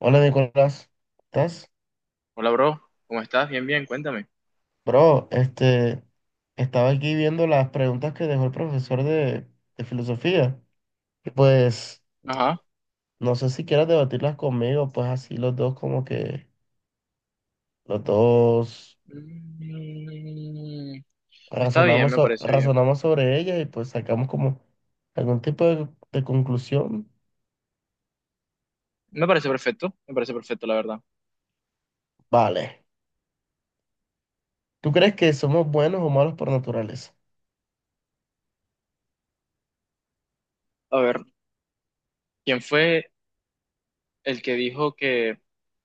Hola Nicolás, ¿estás? Hola, bro. ¿Cómo estás? Bien, bien, cuéntame. Bro, estaba aquí viendo las preguntas que dejó el profesor de filosofía y pues Ajá. no sé si quieras debatirlas conmigo, pues así los dos como que los dos Mm, está razonamos, bien. razonamos sobre ellas y pues sacamos como algún tipo de conclusión. Me parece perfecto, la verdad. Vale, ¿tú crees que somos buenos o malos por naturaleza? A ver, ¿quién fue el que dijo que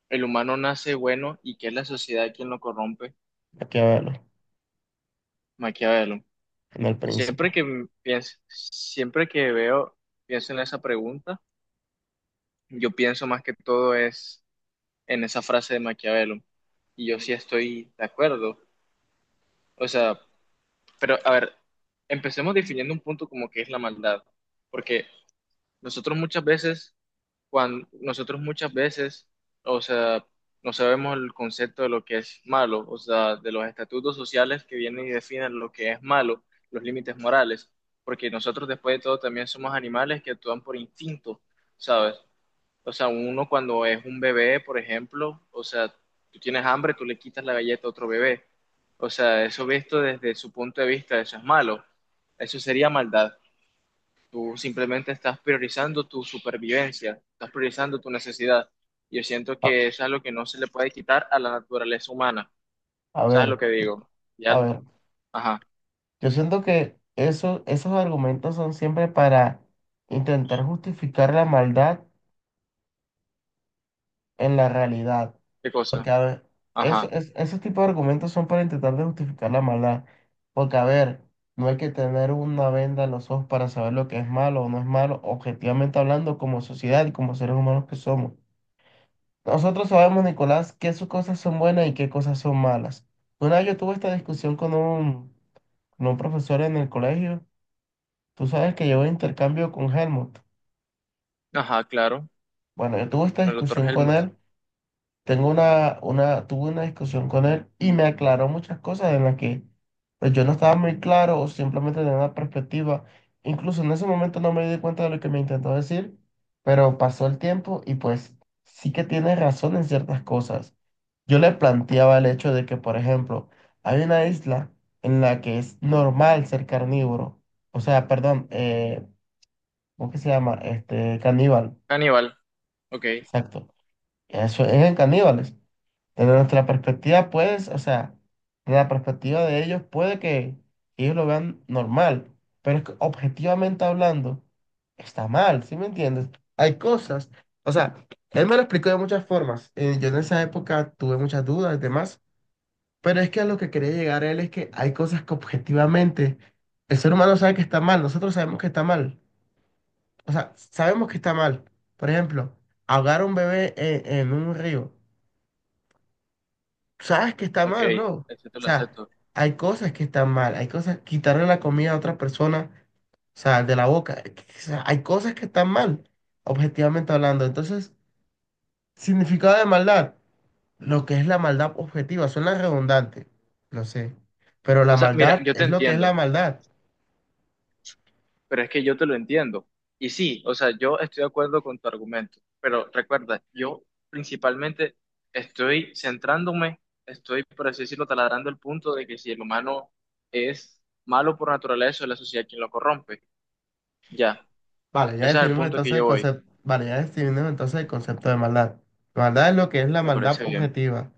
el humano nace bueno y que es la sociedad quien lo corrompe? Aquí a verlo, Maquiavelo. en el Siempre príncipe. que pienso, siempre que veo, pienso en esa pregunta, yo pienso más que todo es en esa frase de Maquiavelo. Y yo sí estoy de acuerdo. O sea, pero, a ver, empecemos definiendo un punto como que es la maldad, porque nosotros muchas veces, nosotros muchas veces, o sea, no sabemos el concepto de lo que es malo, o sea, de los estatutos sociales que vienen y definen lo que es malo, los límites morales, porque nosotros después de todo también somos animales que actúan por instinto, ¿sabes? O sea, uno cuando es un bebé, por ejemplo, o sea, tú tienes hambre, tú le quitas la galleta a otro bebé. O sea, eso visto desde su punto de vista, eso es malo. Eso sería maldad. Tú simplemente estás priorizando tu supervivencia, estás priorizando tu necesidad. Yo siento A, que eso es lo que no se le puede quitar a la naturaleza humana. a ¿Sabes ver, lo que digo? Ya, a ver. ajá, Yo siento que esos argumentos son siempre para intentar justificar la maldad en la realidad. ¿qué Porque, cosa? a ver, Ajá, esos tipos de argumentos son para intentar de justificar la maldad. Porque, a ver, no hay que tener una venda en los ojos para saber lo que es malo o no es malo, objetivamente hablando, como sociedad y como seres humanos que somos. Nosotros sabemos, Nicolás, qué sus cosas son buenas y qué cosas son malas. Una vez yo tuve esta discusión con un profesor en el colegio. Tú sabes que llevo intercambio con Helmut. ajá, claro. Bueno, yo tuve esta El doctor discusión con Helmut. él, tuve una discusión con él y me aclaró muchas cosas en las que pues yo no estaba muy claro o simplemente tenía una perspectiva. Incluso en ese momento no me di cuenta de lo que me intentó decir, pero pasó el tiempo y pues sí que tiene razón en ciertas cosas. Yo le planteaba el hecho de que, por ejemplo, hay una isla en la que es normal ser carnívoro, o sea, perdón, ¿cómo que se llama? Este, caníbal. Caníbal, ok, Exacto. Eso es en caníbales. Desde nuestra perspectiva, pues, o sea, desde la perspectiva de ellos, puede que ellos lo vean normal, pero es que objetivamente hablando, está mal, ¿sí me entiendes? Hay cosas, o sea, él me lo explicó de muchas formas. Yo en esa época tuve muchas dudas y demás, pero es que a lo que quería llegar él es que hay cosas que objetivamente el ser humano sabe que está mal, nosotros sabemos que está mal. O sea, sabemos que está mal. Por ejemplo, ahogar a un bebé en un río. Sabes que está ok, mal, bro. O acepto, lo sea, acepto. hay cosas que están mal. Hay cosas, quitarle la comida a otra persona, o sea, de la boca. O sea, hay cosas que están mal, objetivamente hablando. Entonces, significado de maldad, lo que es la maldad objetiva, suena redundante, no sé. Pero O la sea, mira, maldad yo te es lo que es la entiendo, maldad. pero es que yo te lo entiendo. Y sí, o sea, yo estoy de acuerdo con tu argumento, pero recuerda, yo principalmente estoy centrándome, estoy, por así decirlo, taladrando el punto de que si el humano es malo por naturaleza, es la sociedad quien lo corrompe. Ya, Vale, ya ese es el definimos punto que entonces el yo voy, concepto. Vale, ya definimos entonces el concepto de maldad. Maldad es lo que es la me maldad parece bien. objetiva.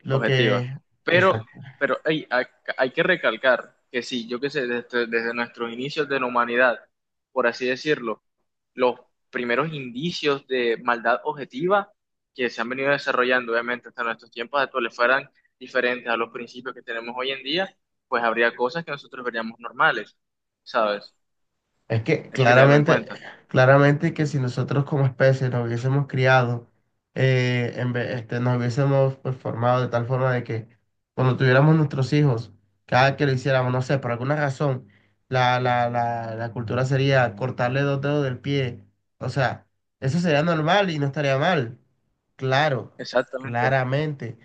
Lo Objetiva. que, Pero, exacto, pero ey, hay que recalcar que sí, yo qué sé, desde nuestros inicios de la humanidad, por así decirlo, los primeros indicios de maldad objetiva que se han venido desarrollando, obviamente, hasta nuestros tiempos actuales fueran diferentes a los principios que tenemos hoy en día, pues habría cosas que nosotros veríamos normales, ¿sabes? es que Eso hay que tenerlo en claramente, cuenta. claramente que si nosotros como especie nos hubiésemos criado, nos hubiésemos pues, formado de tal forma de que cuando tuviéramos nuestros hijos, cada que lo hiciéramos, no sé, por alguna razón, la cultura sería cortarle dos dedos del pie. O sea, eso sería normal y no estaría mal. Claro, Exactamente. O claramente,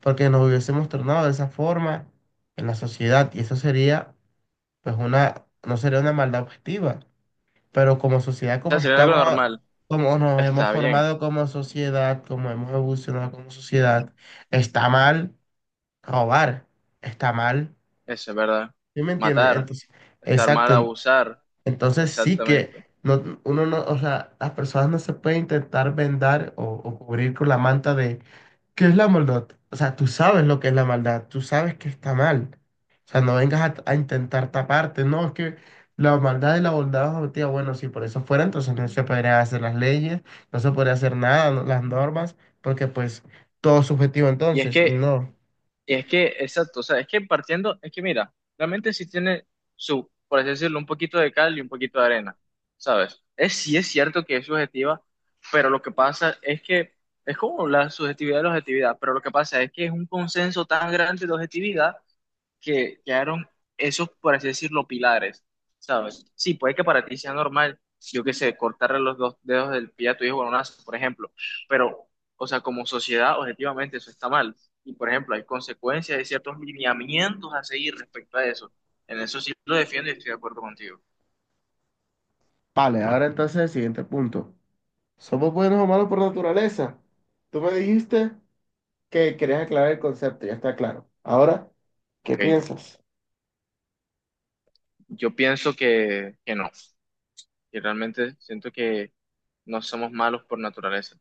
porque nos hubiésemos tornado de esa forma en la sociedad y eso sería pues una, no sería una maldad objetiva, pero como sociedad, como sea, sería algo estamos, normal. como nos hemos Está bien, formado como sociedad, como hemos evolucionado como sociedad, está mal robar, está mal, eso es verdad. ¿sí me entiendes? Matar, Entonces, estar exacto, mal, abusar. entonces sí que Exactamente. no, uno no, o sea, las personas no se pueden intentar vendar o cubrir con la manta de ¿qué es la maldad? O sea, tú sabes lo que es la maldad, tú sabes que está mal. O sea, no vengas a intentar taparte, no, es que la maldad y la bondad son objetivas. Bueno, si por eso fuera, entonces no se podrían hacer las leyes, no se podría hacer nada, las normas, porque pues todo es subjetivo Y es entonces, y que, no. y es que, exacto, o sea, es que partiendo, es que mira, realmente sí tiene su, por así decirlo, un poquito de cal y un poquito de arena, ¿sabes? Es, sí es cierto que es subjetiva, pero lo que pasa es que es como la subjetividad de la objetividad, pero lo que pasa es que es un consenso tan grande de objetividad que quedaron esos, por así decirlo, pilares, ¿sabes? Sí, puede que para ti sea normal, yo qué sé, cortarle los dos dedos del pie a tu hijo con un lazo, por ejemplo, pero, o sea, como sociedad, objetivamente eso está mal. Y, por ejemplo, hay consecuencias, hay ciertos lineamientos a seguir respecto a eso. En eso sí lo defiendo y estoy de acuerdo contigo. Vale, ahora entonces el siguiente punto. ¿Somos buenos o malos por naturaleza? Tú me dijiste... que querías aclarar el concepto, ya está claro. Ahora, ¿qué Ok. piensas? Yo pienso que no, que realmente siento que no somos malos por naturaleza,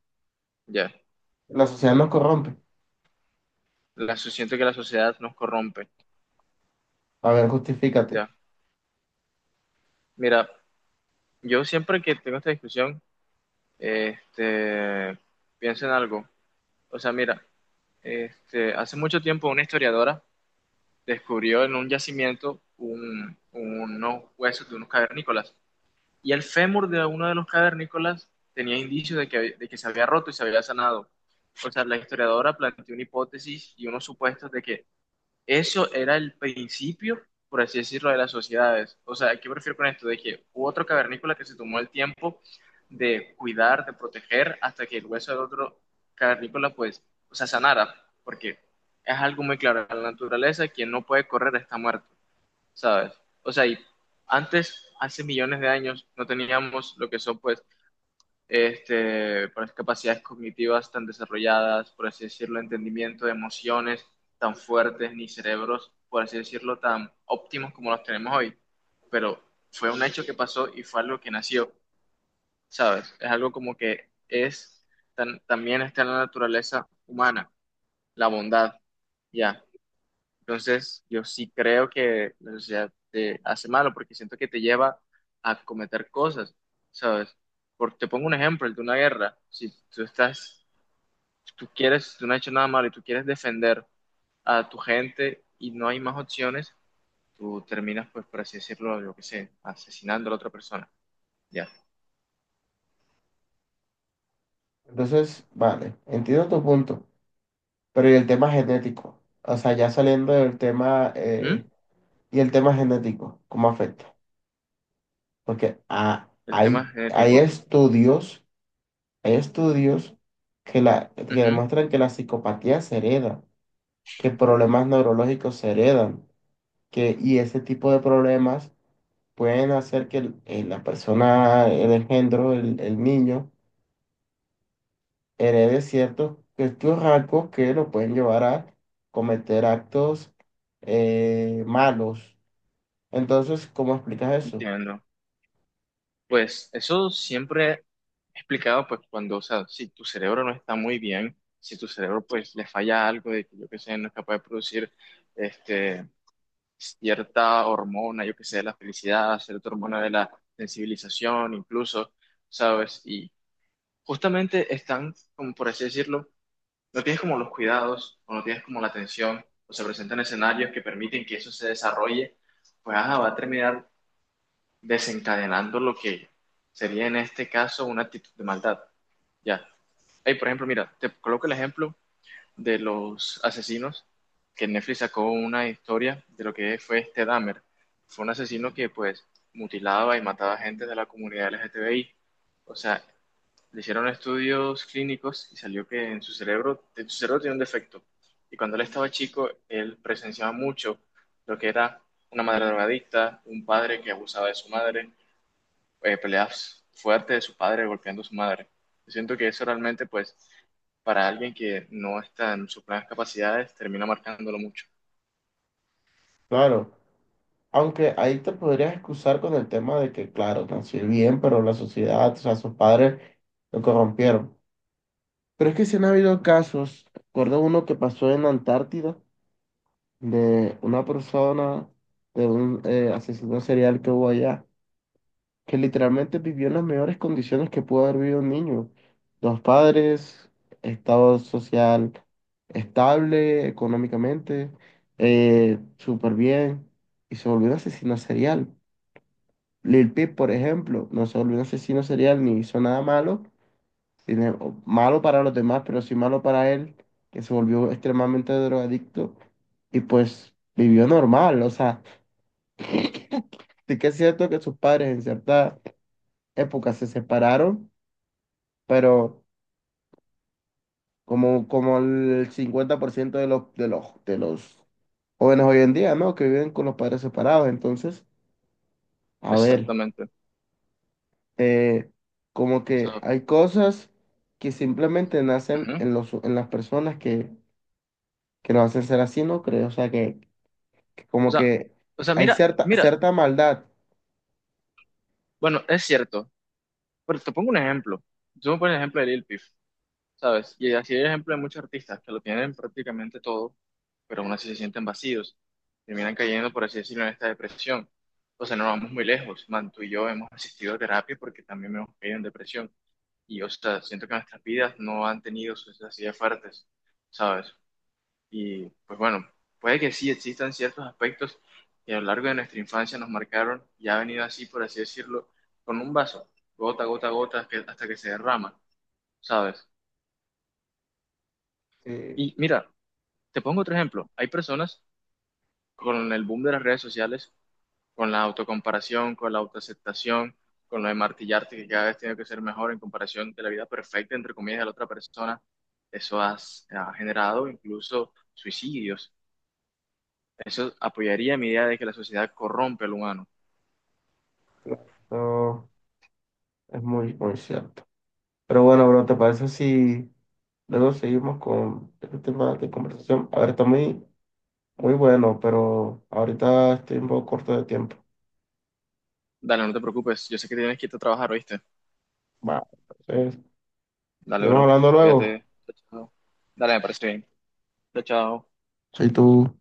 ya. La sociedad nos corrompe. La, siento que la sociedad nos corrompe, A ver, justifícate. ya. Mira, yo siempre que tengo esta discusión, este, pienso en algo. O sea, mira, hace mucho tiempo una historiadora descubrió en un yacimiento unos huesos de unos cavernícolas. Y el fémur de uno de los cavernícolas tenía indicios de que se había roto y se había sanado. O sea, la historiadora planteó una hipótesis y unos supuestos de que eso era el principio, por así decirlo, de las sociedades. O sea, ¿qué me refiero con esto? De que hubo otro cavernícola que se tomó el tiempo de cuidar, de proteger, hasta que el hueso del otro cavernícola, pues, o sea, sanara. Porque es algo muy claro, en la naturaleza, quien no puede correr está muerto, ¿sabes? O sea, y antes, hace millones de años, no teníamos lo que son, pues, por las capacidades cognitivas tan desarrolladas, por así decirlo, entendimiento de emociones tan fuertes, ni cerebros, por así decirlo, tan óptimos como los tenemos hoy. Pero fue un hecho que pasó y fue algo que nació, ¿sabes? Es algo como que es, también está en la naturaleza humana, la bondad, ya. Entonces, yo sí creo que la sociedad te hace malo porque siento que te lleva a cometer cosas, ¿sabes? Por te pongo un ejemplo, el de una guerra. Si tú estás, si tú quieres, si tú no has hecho nada malo y tú quieres defender a tu gente y no hay más opciones, tú terminas, pues, por así decirlo, yo qué sé, asesinando a la otra persona. Ya. Entonces, vale, entiendo tu punto, pero ¿y el tema genético? O sea, ya saliendo del tema, ¿Mm? y el tema genético, ¿cómo afecta? Porque El tema genético. Hay estudios que Ujú, demuestran que la psicopatía se hereda, que problemas neurológicos se heredan, que, y ese tipo de problemas pueden hacer que la persona, el engendro, el niño, herede ciertos estos rasgos que lo pueden llevar a cometer actos malos. Entonces, ¿cómo explicas eso? entiendo. Pues eso siempre explicado, pues cuando, o sea, si tu cerebro no está muy bien, si tu cerebro pues le falla algo de que yo que sé, no es capaz de producir este, cierta hormona, yo que sé, de la felicidad, cierta hormona de la sensibilización, incluso, ¿sabes? Y justamente están, como por así decirlo, no tienes como los cuidados o no tienes como la atención o se presentan escenarios que permiten que eso se desarrolle, pues ajá, va a terminar desencadenando lo que sería en este caso una actitud de maldad. Ya. Hey, por ejemplo, mira, te coloco el ejemplo de los asesinos que Netflix sacó una historia de lo que fue este Dahmer. Fue un asesino que pues mutilaba y mataba gente de la comunidad LGTBI. O sea, le hicieron estudios clínicos y salió que en su cerebro tenía un defecto. Y cuando él estaba chico, él presenciaba mucho lo que era una madre drogadicta, un padre que abusaba de su madre, peleas fuertes de su padre golpeando a su madre. Yo siento que eso realmente, pues, para alguien que no está en sus plenas capacidades, termina marcándolo mucho. Claro, aunque ahí te podrías excusar con el tema de que, claro, nació bien, pero la sociedad, o sea, sus padres lo corrompieron. Pero es que sí han habido casos, recuerdo uno que pasó en la Antártida, de una persona, de un asesino serial que hubo allá que literalmente vivió en las mejores condiciones que pudo haber vivido un niño. Dos padres, estado social estable económicamente, súper bien, y se volvió un asesino serial. Lil Peep, por ejemplo, no se volvió un asesino serial ni hizo nada malo, o malo para los demás, pero sí malo para él, que se volvió extremadamente drogadicto y pues vivió normal. O sea, sí que es cierto que sus padres en cierta época se separaron, pero como, como el 50% de los jóvenes hoy en día, ¿no? Que viven con los padres separados. Entonces, a ver, Exactamente. eh, como O que sea, hay cosas que simplemente nacen ujú. en los, en las personas que nos hacen ser así, ¿no creo? O sea, que O como sea, que hay mira, cierta, cierta maldad. bueno, es cierto, pero te pongo un ejemplo. Yo me pongo el ejemplo de Lil Peep, ¿sabes? Y así hay ejemplo de muchos artistas que lo tienen prácticamente todo, pero aún así se sienten vacíos, terminan cayendo, por así decirlo, en esta depresión. O sea, no vamos muy lejos, man, tú y yo hemos asistido a terapia porque también hemos caído en depresión. Y, o sea, siento que nuestras vidas no han tenido sus necesidades fuertes, ¿sabes? Y, pues bueno, puede que sí existan ciertos aspectos que a lo largo de nuestra infancia nos marcaron y ha venido así, por así decirlo, con un vaso, gota, gota, gota, hasta que se derrama, ¿sabes? Sí, Y mira, te pongo otro ejemplo. Hay personas con el boom de las redes sociales con la autocomparación, con la autoaceptación, con lo de martillarte que cada vez tiene que ser mejor en comparación de la vida perfecta, entre comillas, de la otra persona, eso ha generado incluso suicidios. Eso apoyaría mi idea de que la sociedad corrompe al humano. claro, eso es muy, muy cierto. Pero bueno, bro, ¿te parece si luego seguimos con este tema de conversación? A ver, está muy muy bueno, pero ahorita estoy un poco corto de tiempo. Dale, no te preocupes, yo sé que tienes que irte a trabajar, ¿oíste? Va, entonces, Dale, seguimos bro, hablando luego. cuídate. Chao, chao. Dale, me parece bien. Chao, chao. Soy tú.